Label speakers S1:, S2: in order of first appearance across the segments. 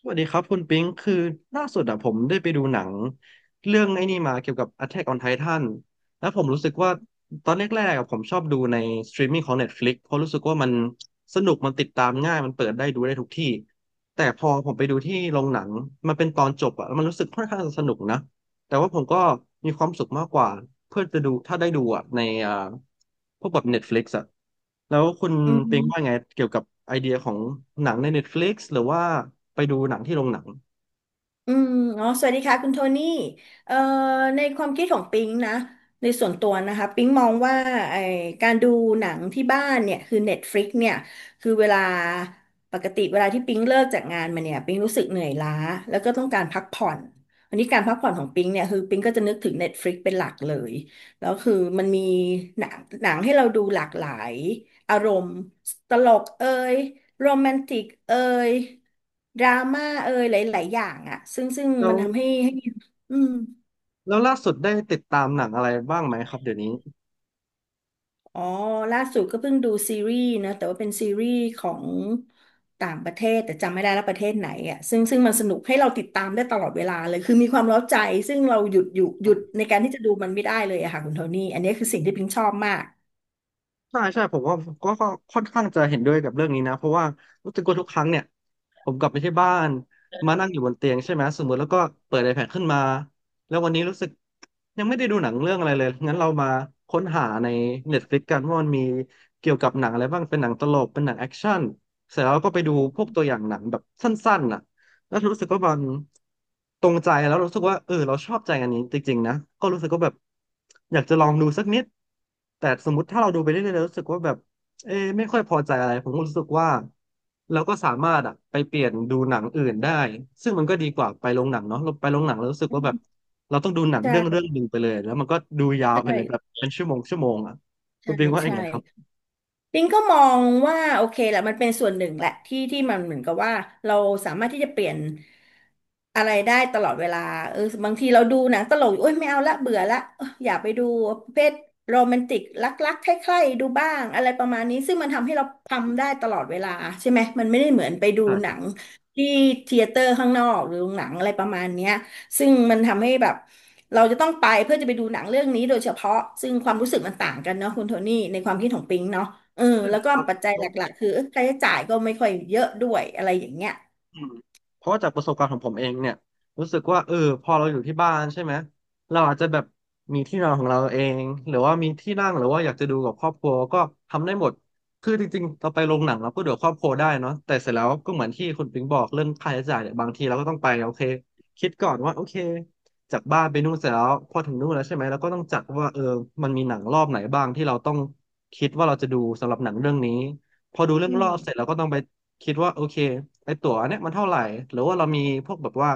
S1: สวัสดีครับคุณปิงคือล่าสุดอะผมได้ไปดูหนัง เรื่องไอ้นี่มาเกี่ยวกับ Attack on Titan แล้วผมรู้สึกว่าตอนแรกๆอะผมชอบดูในสตรีมมิ่งของ Netflix เพราะรู้สึกว่ามันสนุก มันติดตามง่าย มันเปิดได้ดูได้ทุกที่ แต่พอผมไปดูที่โรงหนัง มันเป็นตอนจบอะแล้วมันรู้สึกค่อนข้างจะสนุกนะ แต่ว่าผมก็มีความสุขมากกว่าเพื่อจะดูถ้าได้ดูอ่ะในอ่าพวกแบบ Netflix อ่ะแล้วคุณ
S2: อื
S1: เป็นว่าไง
S2: ม
S1: เกี่ยวกับไอเดียของหนังใน Netflix หรือว่าไปดูหนังที่โรงหนัง
S2: อืมอ๋อสวัสดีค่ะคุณโทนี่เอ่อในความคิดของปิงนะในส่วนตัวนะคะปิงมองว่าไอการดูหนังที่บ้านเนี่ยคือ Netflix เนี่ยคือเวลาปกติเวลาที่ปิงเลิกจากงานมาเนี่ยปิงรู้สึกเหนื่อยล้าแล้วก็ต้องการพักผ่อนวันนี้การพักผ่อนของปิงเนี่ยคือปิงก็จะนึกถึง Netflix เป็นหลักเลยแล้วคือมันมีหนังหนังให้เราดูหลากหลายอารมณ์ตลกเอย โรแมนติกเอยดราม่าเอยหลายๆอย่างอะซึ่ง
S1: แล้
S2: มั
S1: ว
S2: นทำให้อืม
S1: แล้วล่าสุดได้ติดตามหนังอะไรบ้างไหมครับเดี๋ยวนี้
S2: อ๋อล่าสุดก็เพิ่งดูซีรีส์นะแต่ว่าเป็นซีรีส์ของต่างประเทศแต่จำไม่ได้แล้วประเทศไหนอ่ะซึ่งมันสนุกให้เราติดตามได้ตลอดเวลาเลยคือมีความเร้าใจซึ่งเราหยุดในการที่จะดูมันไม่ได้เลยอะค่ะคุณโทนี่อันนี้คือสิ่งที่พิงชอบมาก
S1: ใช่ใช่ผมว่าก็ค่อนข้างจะเห็นด้วยกับเรื่องนี้นะเพราะว่ารู้สึกว่าทุกครั้งเนี่ยผมกลับไปที่บ้านมานั่งอยู่บนเตียงใช่ไหมสมมติแล้วก็เปิด iPad ขึ้นมาแล้ววันนี้รู้สึกยังไม่ได้ดูหนังเรื่องอะไรเลยงั้นเรามาค้นหาใน Netflix กันว่ามันมีเกี่ยวกับหนังอะไรบ้างเป็นหนังตลกเป็นหนังแอคชั่นเสร็จแล้วก็ไปดูพวกตัวอย่างหนังแบบสั้นๆน่ะ แล้วรู้สึกว่ามันตรงใจแล้วรู้สึกว่าเออเราชอบใจอันนี้จริงๆนะก็รู้สึกว่าแบบอยากจะลองดูสักนิดแต่สมมติถ้าเราดูไปเรื่อยๆแล้วรู้สึกว่าแบบเออไม่ค่อยพอใจอะไรผมก็รู้สึกว่าเราก็สามารถอะไปเปลี่ยนดูหนังอื่นได้ซึ่งมันก็ดีกว่าไปโรงหนังเนาะเราไปโรงหนังแล้วรู้สึกว่าแบบเราต้องดูหนัง
S2: ใช่
S1: เรื่องหนึ่งไปเลยแล้วมันก็ดูยาวไป
S2: ใช่
S1: เลยแบบเป็นชั่วโมงชั่วโมงอะคุ
S2: ใช่
S1: ณปิงว่ายั
S2: ใช่
S1: งไงครับ
S2: ปิงก็มองว่าโอเคแหละมันเป็นส่วนหนึ่งแหละที่ที่มันเหมือนกับว่าเราสามารถที่จะเปลี่ยนอะไรได้ตลอดเวลาเออบางทีเราดูหนังตลกอยู่โอ้ยไม่เอาละเบื่อละเอออยากไปดูประเภทโรแมนติกรักๆใคร่ๆดูบ้างอะไรประมาณนี้ซึ่งมันทำให้เราทำได้ตลอดเวลาใช่ไหมมันไม่ได้เหมือนไปดูหนั
S1: ใช่
S2: งที่เธียเตอร์ข้างนอกหรือโรงหนังอะไรประมาณเนี้ยซึ่งมันทำให้แบบเราจะต้องไปเพื่อจะไปดูหนังเรื่องนี้โดยเฉพาะซึ่งความรู้สึกมันต่างกันเนาะคุณโทนี่ในความคิดของปิงเนาะ เออ
S1: ใช่
S2: แล้วก็
S1: ครับ
S2: ปัจจัยหลักๆคือเออค่าใช้จ่ายก็ไม่ค่อยเยอะด้วยอะไรอย่างเงี้ย
S1: อืมเพราะว่าจากประสบการณ์ของผมเองเนี่ยรู้สึกว่าเออพอเราอยู่ที่บ้านใช่ไหมเราอาจจะแบบมีที่นอนของเราเองหรือว่ามีที่นั่งหรือว่าอยากจะดูกับครอบครัวก็ทำได้หมดคือจริงๆเราไปโรงหนังเราก็ดูกับครอบครัวได้เนาะแต่เสร็จแล้วก็เหมือนที่คุณปิงบอกเรื่องค่าใช้จ่ายเนี่ยบางทีเราก็ต้องไปโอเคคิดก่อนว่าโอเคจากบ้านไปนู่นเสร็จแล้วพอถึงนู่นแล้วใช่ไหมเราก็ต้องจัดว่าเออมันมีหนังรอบไหนบ้างที่เราต้องคิดว่าเราจะดูสำหรับหนังเรื่องนี้พอดูเรื่อ
S2: อื
S1: งรอ
S2: ม
S1: บเสร็จเราก็ต้องไป คิดว่าโอเคไอตั๋วอันเนี้ยมันเท่าไหร่หรือว่าเรามีพวกแบบว่า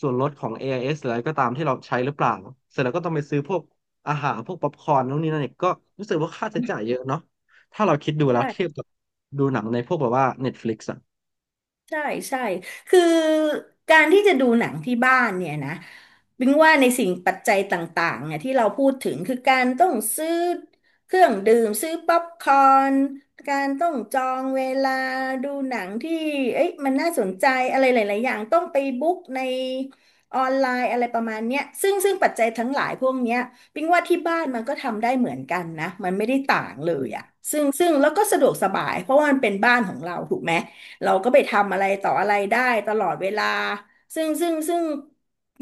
S1: ส่วนลดของ AIS หรืออะไรก็ตามที่เราใช้หรือเปล่าเสร็จแล้วก็ต้องไปซื้อพวกอาหารพวกป๊อปคอร์นนู่นนี่นั่นอีกก็รู้สึกว่าค่าใช้จ่ายเยอะเนาะถ้าเราคิดดูแล้
S2: ใช่
S1: วเทียบกับดูหนังในพวกแบบว่า Netflix อ่ะ
S2: ใช่ใช่คือการที่จะดูหนังที่บ้านเนี่ยนะบิงว่าในสิ่งปัจจัยต่างๆเนี่ยที่เราพูดถึงคือการต้องซื้อเครื่องดื่มซื้อป๊อปคอร์นการต้องจองเวลาดูหนังที่เอ้ยมันน่าสนใจอะไรหลายๆอย่างต้องไปบุ๊กในออนไลน์อะไรประมาณเนี้ยซึ่งปัจจัยทั้งหลายพวกเนี้ยบิงว่าที่บ้านมันก็ทำได้เหมือนกันนะมันไม่ได้ต่างเลย
S1: อืม
S2: อะซึ่งแล้วก็สะดวกสบายเพราะว่ามันเป็นบ้านของเราถูกไหม เราก็ไปทำอะไรต่ออะไรได้ตลอดเวลาซึ่ง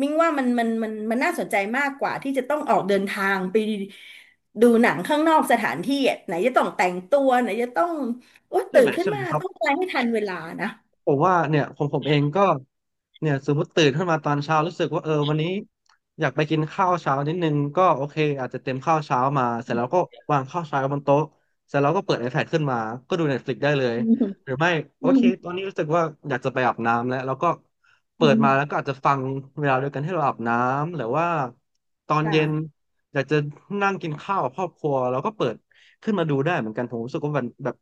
S2: มิ้งว่ามันน่าสนใจมากกว่าที่จะต้องออกเดินทางไปดูหนังข้างนอกสถานที่อะไหนจะต้องแต่งตัวไหนจะต้องโอ๊ย
S1: ใช่
S2: ตื่
S1: ไหม
S2: นขึ้น
S1: ใช่ไหม
S2: มา
S1: ครับ
S2: ต้องอะไรให้ทันเวลานะ
S1: ผมว่าเนี่ยผมเองก็เนี่ยสมมติตื่นขึ้นมาตอนเช้ารู้สึกว่าเออวันนี้อยากไปกินข้าวเช้านิดนึงก็โอเคอาจจะเตรียมข้าวเช้ามาเสร็จแล้วก็วางข้าวเช้าบนโต๊ะเสร็จแล้วก็เปิด iPad ขึ้นมาก็ดู Netflix ได้เลย
S2: อืม
S1: หรือไม่โอ
S2: อืม
S1: เคตอนนี้รู้สึกว่าอยากจะไปอาบน้ำแล้วก็เปิ
S2: อื
S1: ด
S2: ม
S1: มาแล้วก็อาจจะฟังเวลาเดียวกันที่เราอาบน้ำหรือว่าตอนเย็น
S2: ค่ะ
S1: อยากจะนั่งกินข้าวกับครอบครัวแล้วก็เปิด ขึ้นมาดูได้เหมือนกันผมรู้สึกว่ามันแบบ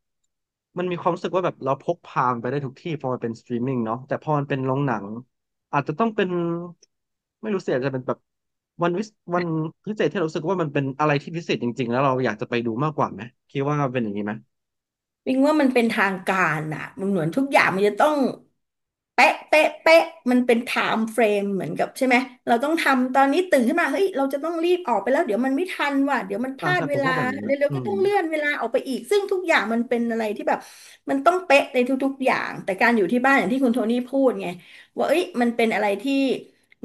S1: มันมีความรู้สึกว่าแบบเราพกพามันไปได้ทุกที่พอมันเป็นสตรีมมิ่งเนาะแต่พอมันเป็นโรงหนังอาจจะต้องเป็นไม่รู้สิอาจจะเป็นแบบวันวิสวันพิเศษที่เรารู้สึกว่ามันเป็นอะไรที่พิเศษจริงๆแล้วเราอยากจะไปดูมากกว่าไหมคิดว่าเป็นอย่างนี้ไหม
S2: วิงว่ามันเป็นทางการอ่ะมันเหมือนทุกอย่างมันจะต้องเป๊ะเป๊ะเป๊ะมันเป็นไทม์เฟรมเหมือนกับใช่ไหมเราต้องทำตอนนี้ตื่นขึ้นมาเฮ้ยเราจะต้องรีบออกไปแล้วเดี๋ยวมันไม่ทันว่ะเดี๋ยวมันพ
S1: อ่า
S2: ลาด
S1: ใช่ผ
S2: เว
S1: ม
S2: ลา
S1: ว่เป็นอย่างนี้นะ
S2: เร็ว
S1: อื
S2: ๆก็
S1: ม
S2: ต้องเลื่อนเวลาออกไปอีกซึ่งทุกอย่างมันเป็นอะไรที่แบบมันต้องเป๊ะในทุกๆอย่างแต่การอยู่ที่บ้านอย่างที่คุณโทนี่พูดไงว่าเอ้ยมันเป็นอะไรที่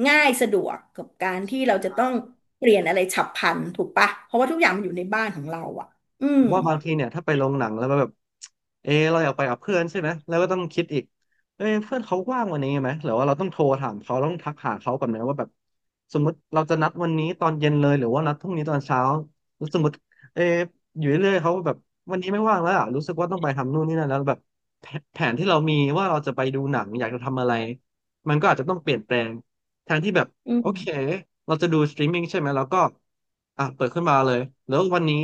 S2: ง่ายสะดวกกับการที่เราจะต้องเปลี่ยนอะไรฉับพลันถูกปะเพราะว่าทุกอย่างมันอยู่ในบ้านของเราอ่ะอื
S1: ผ
S2: ม
S1: มว่าบางทีเนี่ยถ้าไปโรงหนังแล้วมันแบบเราอยากไปกับเพื่อนใช่ไหมแล้วก็ต้องคิดอีกเอ้ยเพื่อนเขาว่างวันนี้ไหมหรือว่าเราต้องโทรถามเขาต้องทักหาเขาก่อนไหมว่าแบบสมมติเราจะนัดวันนี้ตอนเย็นเลยหรือว่านัดพรุ่งนี้ตอนเช้าแล้วสมมติเอออยู่เรื่อยๆเขาแบบวันนี้ไม่ว่างแล้วอะรู้สึกว่าต้องไปทำนู่นนี่นั่นแล้วแบบแผแผนที่เรามีว่าเราจะไปดูหนังอยากจะทำอะไรมันก็อาจจะต้องเปลี่ยนแปลงแทนที่แบบ
S2: อื
S1: โอเค
S2: ม
S1: เราจะดูสตรีมมิ่งใช่ไหมแล้วก็อ่ะเปิดขึ้นมาเลยแล้ววันนี้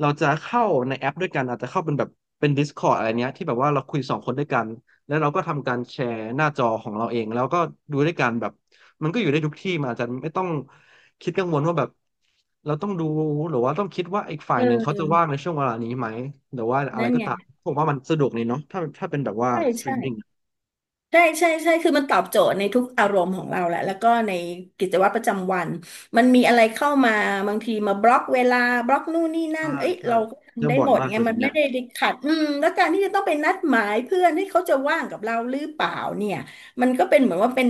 S1: เราจะเข้าในแอปด้วยกันอาจจะเข้าเป็นแบบเป็น Discord อะไรเนี้ยที่แบบว่าเราคุยสองคนด้วยกันแล้วเราก็ทำการแชร์หน้าจอของเราเองแล้วก็ดูด้วยกันแบบมันก็อยู่ได้ทุกที่มันอาจจะไม่ต้องคิดกังวลว่าแบบเราต้องดูหรือว่าต้องคิดว่าอีกฝ่า
S2: เ
S1: ยหนึ่งเขาจะว่าง
S2: ออ
S1: ในช่วงเวลานี้ไหมหรือว่าอะไร
S2: นั่น
S1: ก็
S2: ไง
S1: ตามผมว่ามันสะดวกเลยเนาะถ้าเป็นแบบว่า
S2: ใช่
S1: สตรี
S2: ใช่
S1: มมิ่ง
S2: ใช่ใช่ใช่คือมันตอบโจทย์ในทุกอารมณ์ของเราแหละแล้วก็ในกิจวัตรประจำวันมันมีอะไรเข้ามาบางทีมาบล็อกเวลาบล็อกนู่นนี่นั่
S1: อ่า
S2: นเอ้ย
S1: ใช่
S2: เราก็
S1: เจอ
S2: ทำได้
S1: บ่อ
S2: ห
S1: ย
S2: มด
S1: มาก
S2: ไง
S1: เลยแบ
S2: มั
S1: บ
S2: น
S1: เนี้
S2: ไม่
S1: ย
S2: ได้ติดขัดอืมแล้วการที่จะต้องไปนัดหมายเพื่อนให้เขาจะว่างกับเราหรือเปล่าเนี่ยมันก็เป็นเหมือนว่าเป็น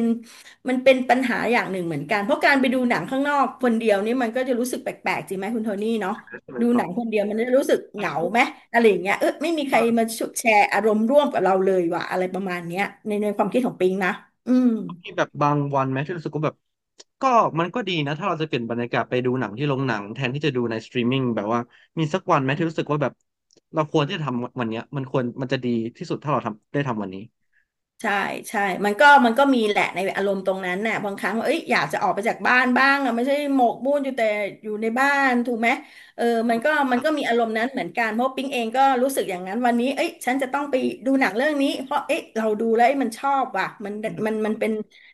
S2: มันเป็นปัญหาอย่างหนึ่งเหมือนกันเพราะการไปดูหนังข้างนอกคนเดียวนี่มันก็จะรู้สึกแปลกๆจริงไหมคุณโทนี่เนาะ
S1: ใช่ไหม
S2: ดู
S1: ครั
S2: หนัง
S1: บ
S2: คนเดียวมันจะรู้สึกเห
S1: แล้
S2: งาไหม อะไรอย่างเงี้ยเออไม่มีใครมา
S1: ว
S2: แชร์อารมณ์ร่วมกับเราเลยว่ะอะไรประมาณเนี้ยในความคิดของปิงนะอืม
S1: มีแบบบางวันไหมที่รู้สึกว่าแบบก็มันก็ดีนะถ้าเราจะเปลี่ยนบรรยากาศไปดูหนังที่โรงหนังแทนที่จะดูในสตรีมมิ่งแบบว่ามีสักวันไหมที่รู้สึกว่าแบบเราควรที่จะทำวันเนี้ยมันควรมันจะดีที่สุดถ้าเราทำได้ทำวันนี้
S2: ใช่ใช่มันก็มีแหละในอารมณ์ตรงนั้นน่ะบางครั้งเอ้ยอยากจะออกไปจากบ้านบ้างอะไม่ใช่หมกมุ่นอยู่แต่อยู่ในบ้านถูกไหมเออมันก็มีอารมณ์นั้นเหมือนกันเพราะปิ๊งเองก็รู้สึกอย่างนั้นวันนี้เอ้ยฉันจะต้องไปดูหนังเรื่องนี้เพราะเอ้ยเราดูแล้วเอ้ยมันชอบว่ะมัน
S1: อื
S2: มันมั
S1: ม
S2: นเป็น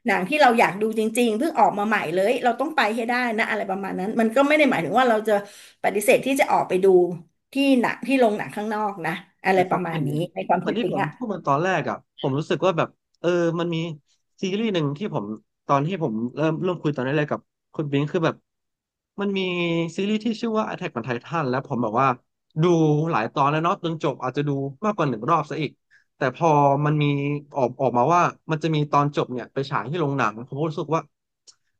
S2: หนังที่เราอยากดูจริงๆเพิ่งออกมาใหม่เลยเราต้องไปให้ได้นะอะไรประมาณนั้นมันก็ไม่ได้หมายถึงว่าเราจะปฏิเสธที่จะออกไปดูที่หนังที่โรงหนังข้างนอกนะอะไร
S1: นะค
S2: ป
S1: รับ
S2: ระมา
S1: เป็
S2: ณ
S1: นเห
S2: นี้ในความ
S1: มือ
S2: คิ
S1: น
S2: ด
S1: ที่
S2: ปิ๊
S1: ผ
S2: ง
S1: ม
S2: อ่ะ
S1: พูดมาตอนแรกอ่ะผมรู้สึกว่าแบบเออมันมีซีรีส์หนึ่งที่ผมตอนที่ผมเริ่มคุยตอนแรกๆกับคุณบิงคือแบบมันมีซีรีส์ที่ชื่อว่า Attack on Titan แล้วผมแบบว่าดูหลายตอนแล้วเนาะจนจบอาจจะดูมากกว่าหนึ่งรอบซะอีกแต่พอมันมีออกมาว่ามันจะมีตอนจบเนี่ยไปฉายที่โรงหนังผมก็รู้สึกว่า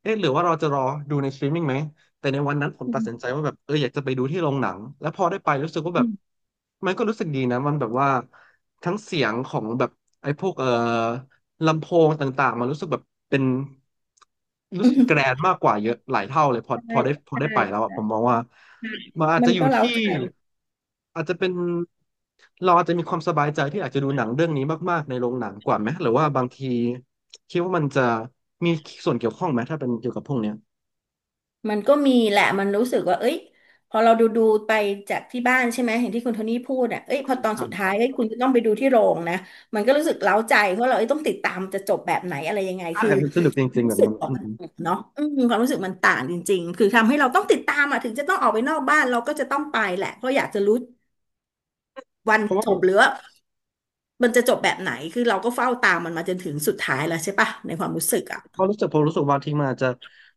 S1: เอ๊ะหรือว่าเราจะรอดูในสตรีมมิ่งไหม แต่ในวันนั้นผมตัดสินใจว่าแบบเอออยากจะไปดูที่โรงหนังแล้วพอได้ไปรู้สึกว่าแบบมันก็รู้สึกดีนะมันแบบว่าทั้งเสียงของแบบไอ้พวกลำโพงต่างๆมันรู้สึกแบบเป็นรู้สึกแกรน ด์มากกว่าเยอะหลายเท่าเลยพอพอได้พอ
S2: ใช่
S1: ได้ไปแล้วอะ
S2: ใช่
S1: ผมมองว่ามันอาจ
S2: มั
S1: จะ
S2: น
S1: อยู่
S2: ก็เล้า
S1: ที่
S2: ใจ
S1: อาจจะเป็นเราอาจจะมีความสบายใจที่อาจจะดูหนังเรื่องนี้มากๆในโรงหนังกว่าไหมหรือว่าบางทีคิดว่ามันจะมีส่วนเกี่ยวข้องไหมถ้าเป็นเกี่ยวกับพวกเนี้ย
S2: มันก็มีแหละมันรู้สึกว่าเอ้ยพอเราดูไปจากที่บ้านใช่ไหม เห็นที่คุณโทนี่พูดอ่ะเอ้ยพ
S1: อื
S2: อ
S1: ม
S2: ตอ
S1: ค
S2: น
S1: รั
S2: สุดท้ายเอ้ย
S1: บ
S2: คุณจะต้องไปดูที่โรงนะ มันก็รู้สึกเล้าใจเพราะเราเอ้ยต้องติดตามจะจบแบบไหนอะไรยังไง
S1: ใช่
S2: คือ
S1: มันสนุกจ
S2: ความ
S1: ริงๆแบ
S2: รู้
S1: บ
S2: สึก
S1: นั้น
S2: ออก
S1: อืม
S2: มันเนาะอืมความรู้สึกมันต่างจริงๆ คือทำให้เราต้องติดตามอ่ะถึงจะต้องออกไปนอกบ้านเราก็จะต้องไปแหละเพราะอยากจะรู้วัน
S1: เพราะว่า
S2: จบหรือว่ามันจะจบแบบไหนคือเราก็เฝ้าตามมันมาจนถึงสุดท้ายแล้วใช่ปะในความรู้สึกอ่ะ
S1: เพราะรู้สึกผมรู้สึกบางทีมันอาจจะ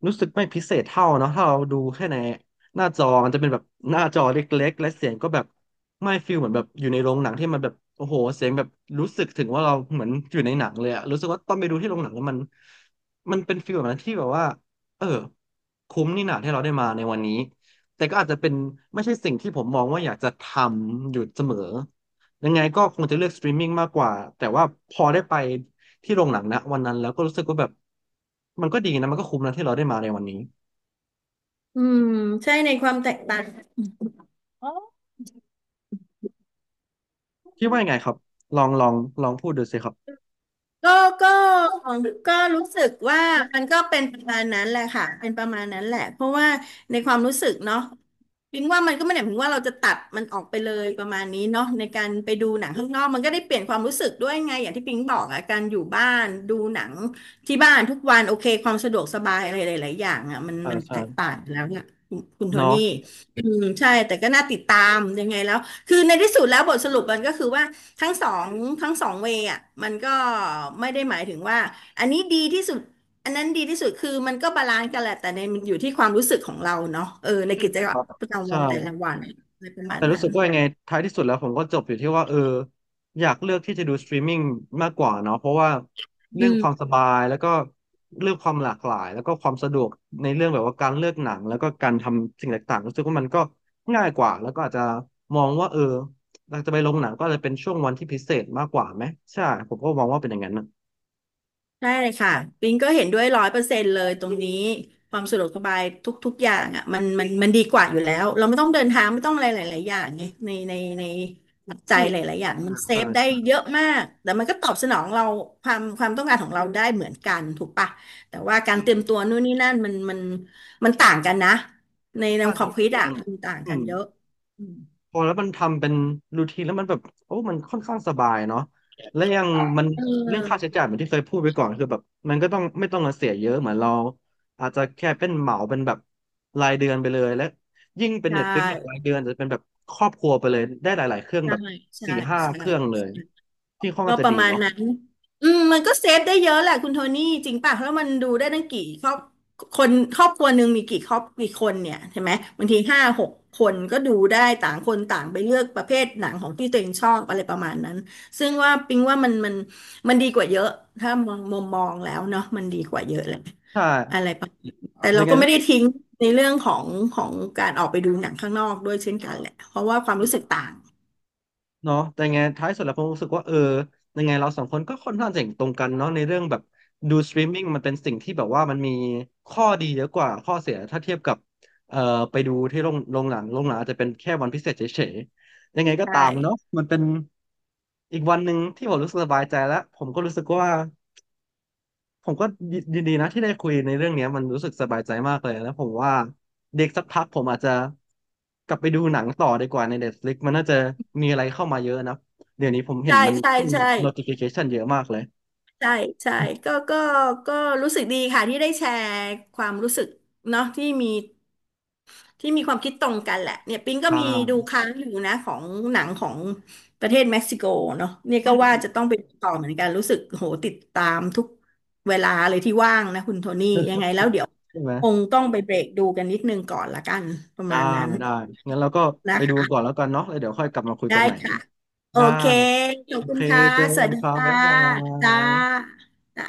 S1: รู้สึกไม่พิเศษเท่าเนาะถ้าเราดูแค่ในหน้าจอมันจะเป็นแบบหน้าจอเล็กๆและเสียงก็แบบไม่ฟิลเหมือนแบบอยู่ในโรงหนังที่มันแบบโอ้โหเสียงแบบรู้สึกถึงว่าเราเหมือนอยู่ในหนังเลยอะรู้สึกว่าตอนไปดูที่โรงหนังแล้วมันมันเป็นฟิลแบบนั้นที่แบบว่าเออคุ้มนี่หนาที่เราได้มาในวันนี้แต่ก็อาจจะเป็นไม่ใช่สิ่งที่ผมมองว่าอยากจะทำอยู่เสมอยังไงก็คงจะเลือกสตรีมมิ่งมากกว่าแต่ว่าพอได้ไป ที่โรงหนังนะวันนั้นแล้วก็รู้สึกว่าแบบมันก็ดีนะมันก็คุ้มนะที่เราได้มาในวันนี้
S2: อืมใช่ในความแตกต่าง
S1: คิดว่ายังไงครับลองลองพูดดูสิครับ
S2: ก็ก็ก็รู้สึกว่ามันก็เป็นประมาณนั้นแหละค่ะเป็นประมาณนั้นแหละเพราะว่าในความรู้สึกเนาะพิงว่ามันก็ไม่ได้หมายถึงว่าเราจะตัดมันออกไปเลยประมาณนี้เนาะในการไปดูหนังข้างนอกมันก็ได้เปลี่ยนความรู้สึกด้วยไงอย่างที่พิงบอกอะการอยู่บ้านดูหนังที่บ้านทุกวันโอเคความสะดวกสบายอะไรหลายๆอย่างอะมัน
S1: อ่า
S2: มัน
S1: ใช่
S2: แตกต่างแล้วเนี่ยคุณโท
S1: เนาะ
S2: นี่อืมใช่แต่ก็น่าติดตามยังไงแล้วคือในที่สุดแล้วบทสรุปมันก็คือว่า ทั้งสองทั้งสองเวย์อ่ะมันก็ไม่ได้หมายถึงว่าอันนี้ดีที่สุดอันนั้นดีที่สุดคือมันก็บาลานซ์กันแหละแต่ในมันอยู่ที่ความรู้สึกของเราเนาะเออใน
S1: ใช่
S2: กิจ
S1: ค
S2: วัต
S1: รั
S2: ร
S1: บ
S2: ประจำวั
S1: ใช่
S2: นแต่ละวันอะไรประมา
S1: แต่
S2: ณ
S1: รู้
S2: นั้น
S1: สึกว่ายังไงท้ายที่สุดแล้วผมก็จบอยู่ที่ว่าอยากเลือกที่จะดูสตรีมมิ่งมากกว่าเนาะเพราะว่าเรื่
S2: อื
S1: องความส
S2: ม
S1: บายแล้วก็เรื่องความหลากหลายแล้วก็ความสะดวกในเรื่องแบบว่าการเลือกหนังแล้วก็การทำสิ่งต่างๆรู้สึกว่ามันก็ง่ายกว่าแล้วก็อาจจะมองว่าเราจะไปลงหนังก็อาจจะเป็นช่วงวันที่พิเศษมากกว่าไหมใช่ผมก็มองว่าเป็นอย่างนั้นนะ
S2: ได้เลยค่ะปิงก็เห็นด้วย100%เลยตรงนี้ความสะดวกสบายทุกๆอย่างอ่ะมันดีกว่าอยู่แล้วเราไม่ต้องเดินทางไม่ต้องอะไรหลายๆอย่างไงในปัจจั
S1: อื
S2: ย
S1: ม
S2: หลายๆอย่างมันเซ
S1: ใช่
S2: ฟได้เย
S1: ใช่
S2: อะมากแต่มันก็ตอบสนองเราความต้องการของเราได้เหมือนกันถูกปะแต่ว่าการเตรียม
S1: ใช่
S2: ตัวนู่นนี่นั่นมันต่างกันนะในแนว
S1: ค่้าง
S2: ความ
S1: จะ
S2: คิด
S1: เย
S2: อ่ะ
S1: เรื่อง
S2: มันต่าง
S1: อื
S2: กัน
S1: ม
S2: เยอะอืม
S1: พอแล้วมันทำเป็นรูทีนแล้วมันแบบโอ้มันค่อนข้างสบายเนาะและยังมัน
S2: เ
S1: เรื่องค่าใช้
S2: ออ
S1: จ่ายเหมือนที่เคยพูดไปก่อนคือแบบมันก็ต้องไม่ต้องมาเสียเยอะเหมือนเราอาจจะแค่เป็นเหมาเป็นแบบรายเดือนไปเลยและยิ่งเป็น
S2: ใช
S1: Netflix เนี่ยราย
S2: ่
S1: เดือนจะเป็นแบบครอบครัวไปเลยได้หลายๆเครื่อง
S2: ใช่
S1: แบบ
S2: ใช่
S1: สี่ห้า
S2: ใช่
S1: เครื่องเลยที่ค่อน
S2: ก็
S1: ข้างจะ
S2: ประ
S1: ดี
S2: มาณ
S1: เนาะ
S2: นั้นอืมมันก็เซฟได้เยอะแหละคุณโทนี่จริงป่ะแล้วมันดูได้ตั้งกี่ครอบคนครอบครัวหนึ่งมีกี่ครอบกี่คนเนี่ยใช่ไหมบางที5-6 คนก็ดูได้ต่างคนต่างไปเลือกประเภทหนังของที่ตัวเองชอบอะไรประมาณนั้นซึ่งว่าปิงว่ามันดีกว่าเยอะถ้ามองมุมมองแล้วเนาะมันดีกว่าเยอะเลย
S1: ใช่
S2: อะไรประมาณน้แต่เรา
S1: ยังไง
S2: ก็ไม่
S1: รู้
S2: ได้
S1: สึก
S2: ทิ้งในเรื่องของการออกไปดูหนังข้างนอกด้วยเช่นกันแหละเพราะว่าความรู้สึกต่าง
S1: เนาะแต่ไงท้ายสุดแล้วผมรู้สึกว่ายังไงเราสองคนก็ค่อนข้างเห็นตรงกันเนาะในเรื่องแบบดูสตรีมมิ่งมันเป็นสิ่งที่แบบว่ามันมีข้อดีเยอะกว่าข้อเสียถ้าเทียบกับเอ่อไปดูที่โรงหนังอาจจะเป็นแค่วันพิเศษเฉยๆยังไงก็
S2: ใช่
S1: ตามเนาะมันเป็นอีกวันหนึ่งที่ผมรู้สึกสบายใจแล้วผมก็รู้สึกว่า ผมก็ยินดีนะที่ได้คุยในเรื่องเนี้ยมันรู้สึกสบายใจมากเลยแล้วผมว่าเด็กสักพักผมอาจจะกลับไปดูหนังต่อดีกว่าใน Netflix มันน่าจะมีอะไรเข้ามาเยอะนะเดี๋ยวนี้ผมเห็
S2: ใช่
S1: นมัน
S2: ใช่
S1: ขึ้น
S2: ใช่
S1: notification เยอะมากเลย
S2: ใช่ใช่ก็ก็ก็รู้สึกดีค่ะที่ได้แชร์ความรู้สึกเนาะที่มีความคิดตรงกันแหละเนี่ยปิงก็
S1: ใช่
S2: มีดูค้างอยู่นะของหนังของประเทศเม็กซิโกเนาะเนี่ย
S1: อื
S2: ก็
S1: มอื
S2: ว่า
S1: ม
S2: จะต้องไปดูต่อเหมือนกันรู้สึกโหติดตามทุกเวลาเลยที่ว่างนะคุณโทนี่ยังไงแล้วเดี๋ยว
S1: ใช่ไหม
S2: คงต้องไปเบรกดูกันนิดนึงก่อนละกันประ
S1: ได้
S2: มาณนั้น
S1: ได้งั้นเราก็ไป
S2: นะ
S1: ดูกัน
S2: คะ
S1: ก่อนแล้วกันเนาะแล้วเดี๋ยวค่อยกลับมาคุย
S2: ได้
S1: กันใหม่
S2: ค่ะโอ
S1: ได้
S2: เคขอ
S1: โอ
S2: บคุ
S1: เค
S2: ณค่ะ
S1: เจอ
S2: ส
S1: กั
S2: วัส
S1: น
S2: ดี
S1: ครับ
S2: ค่ะ
S1: บ๊ายบา
S2: จ้า
S1: ย
S2: จ้า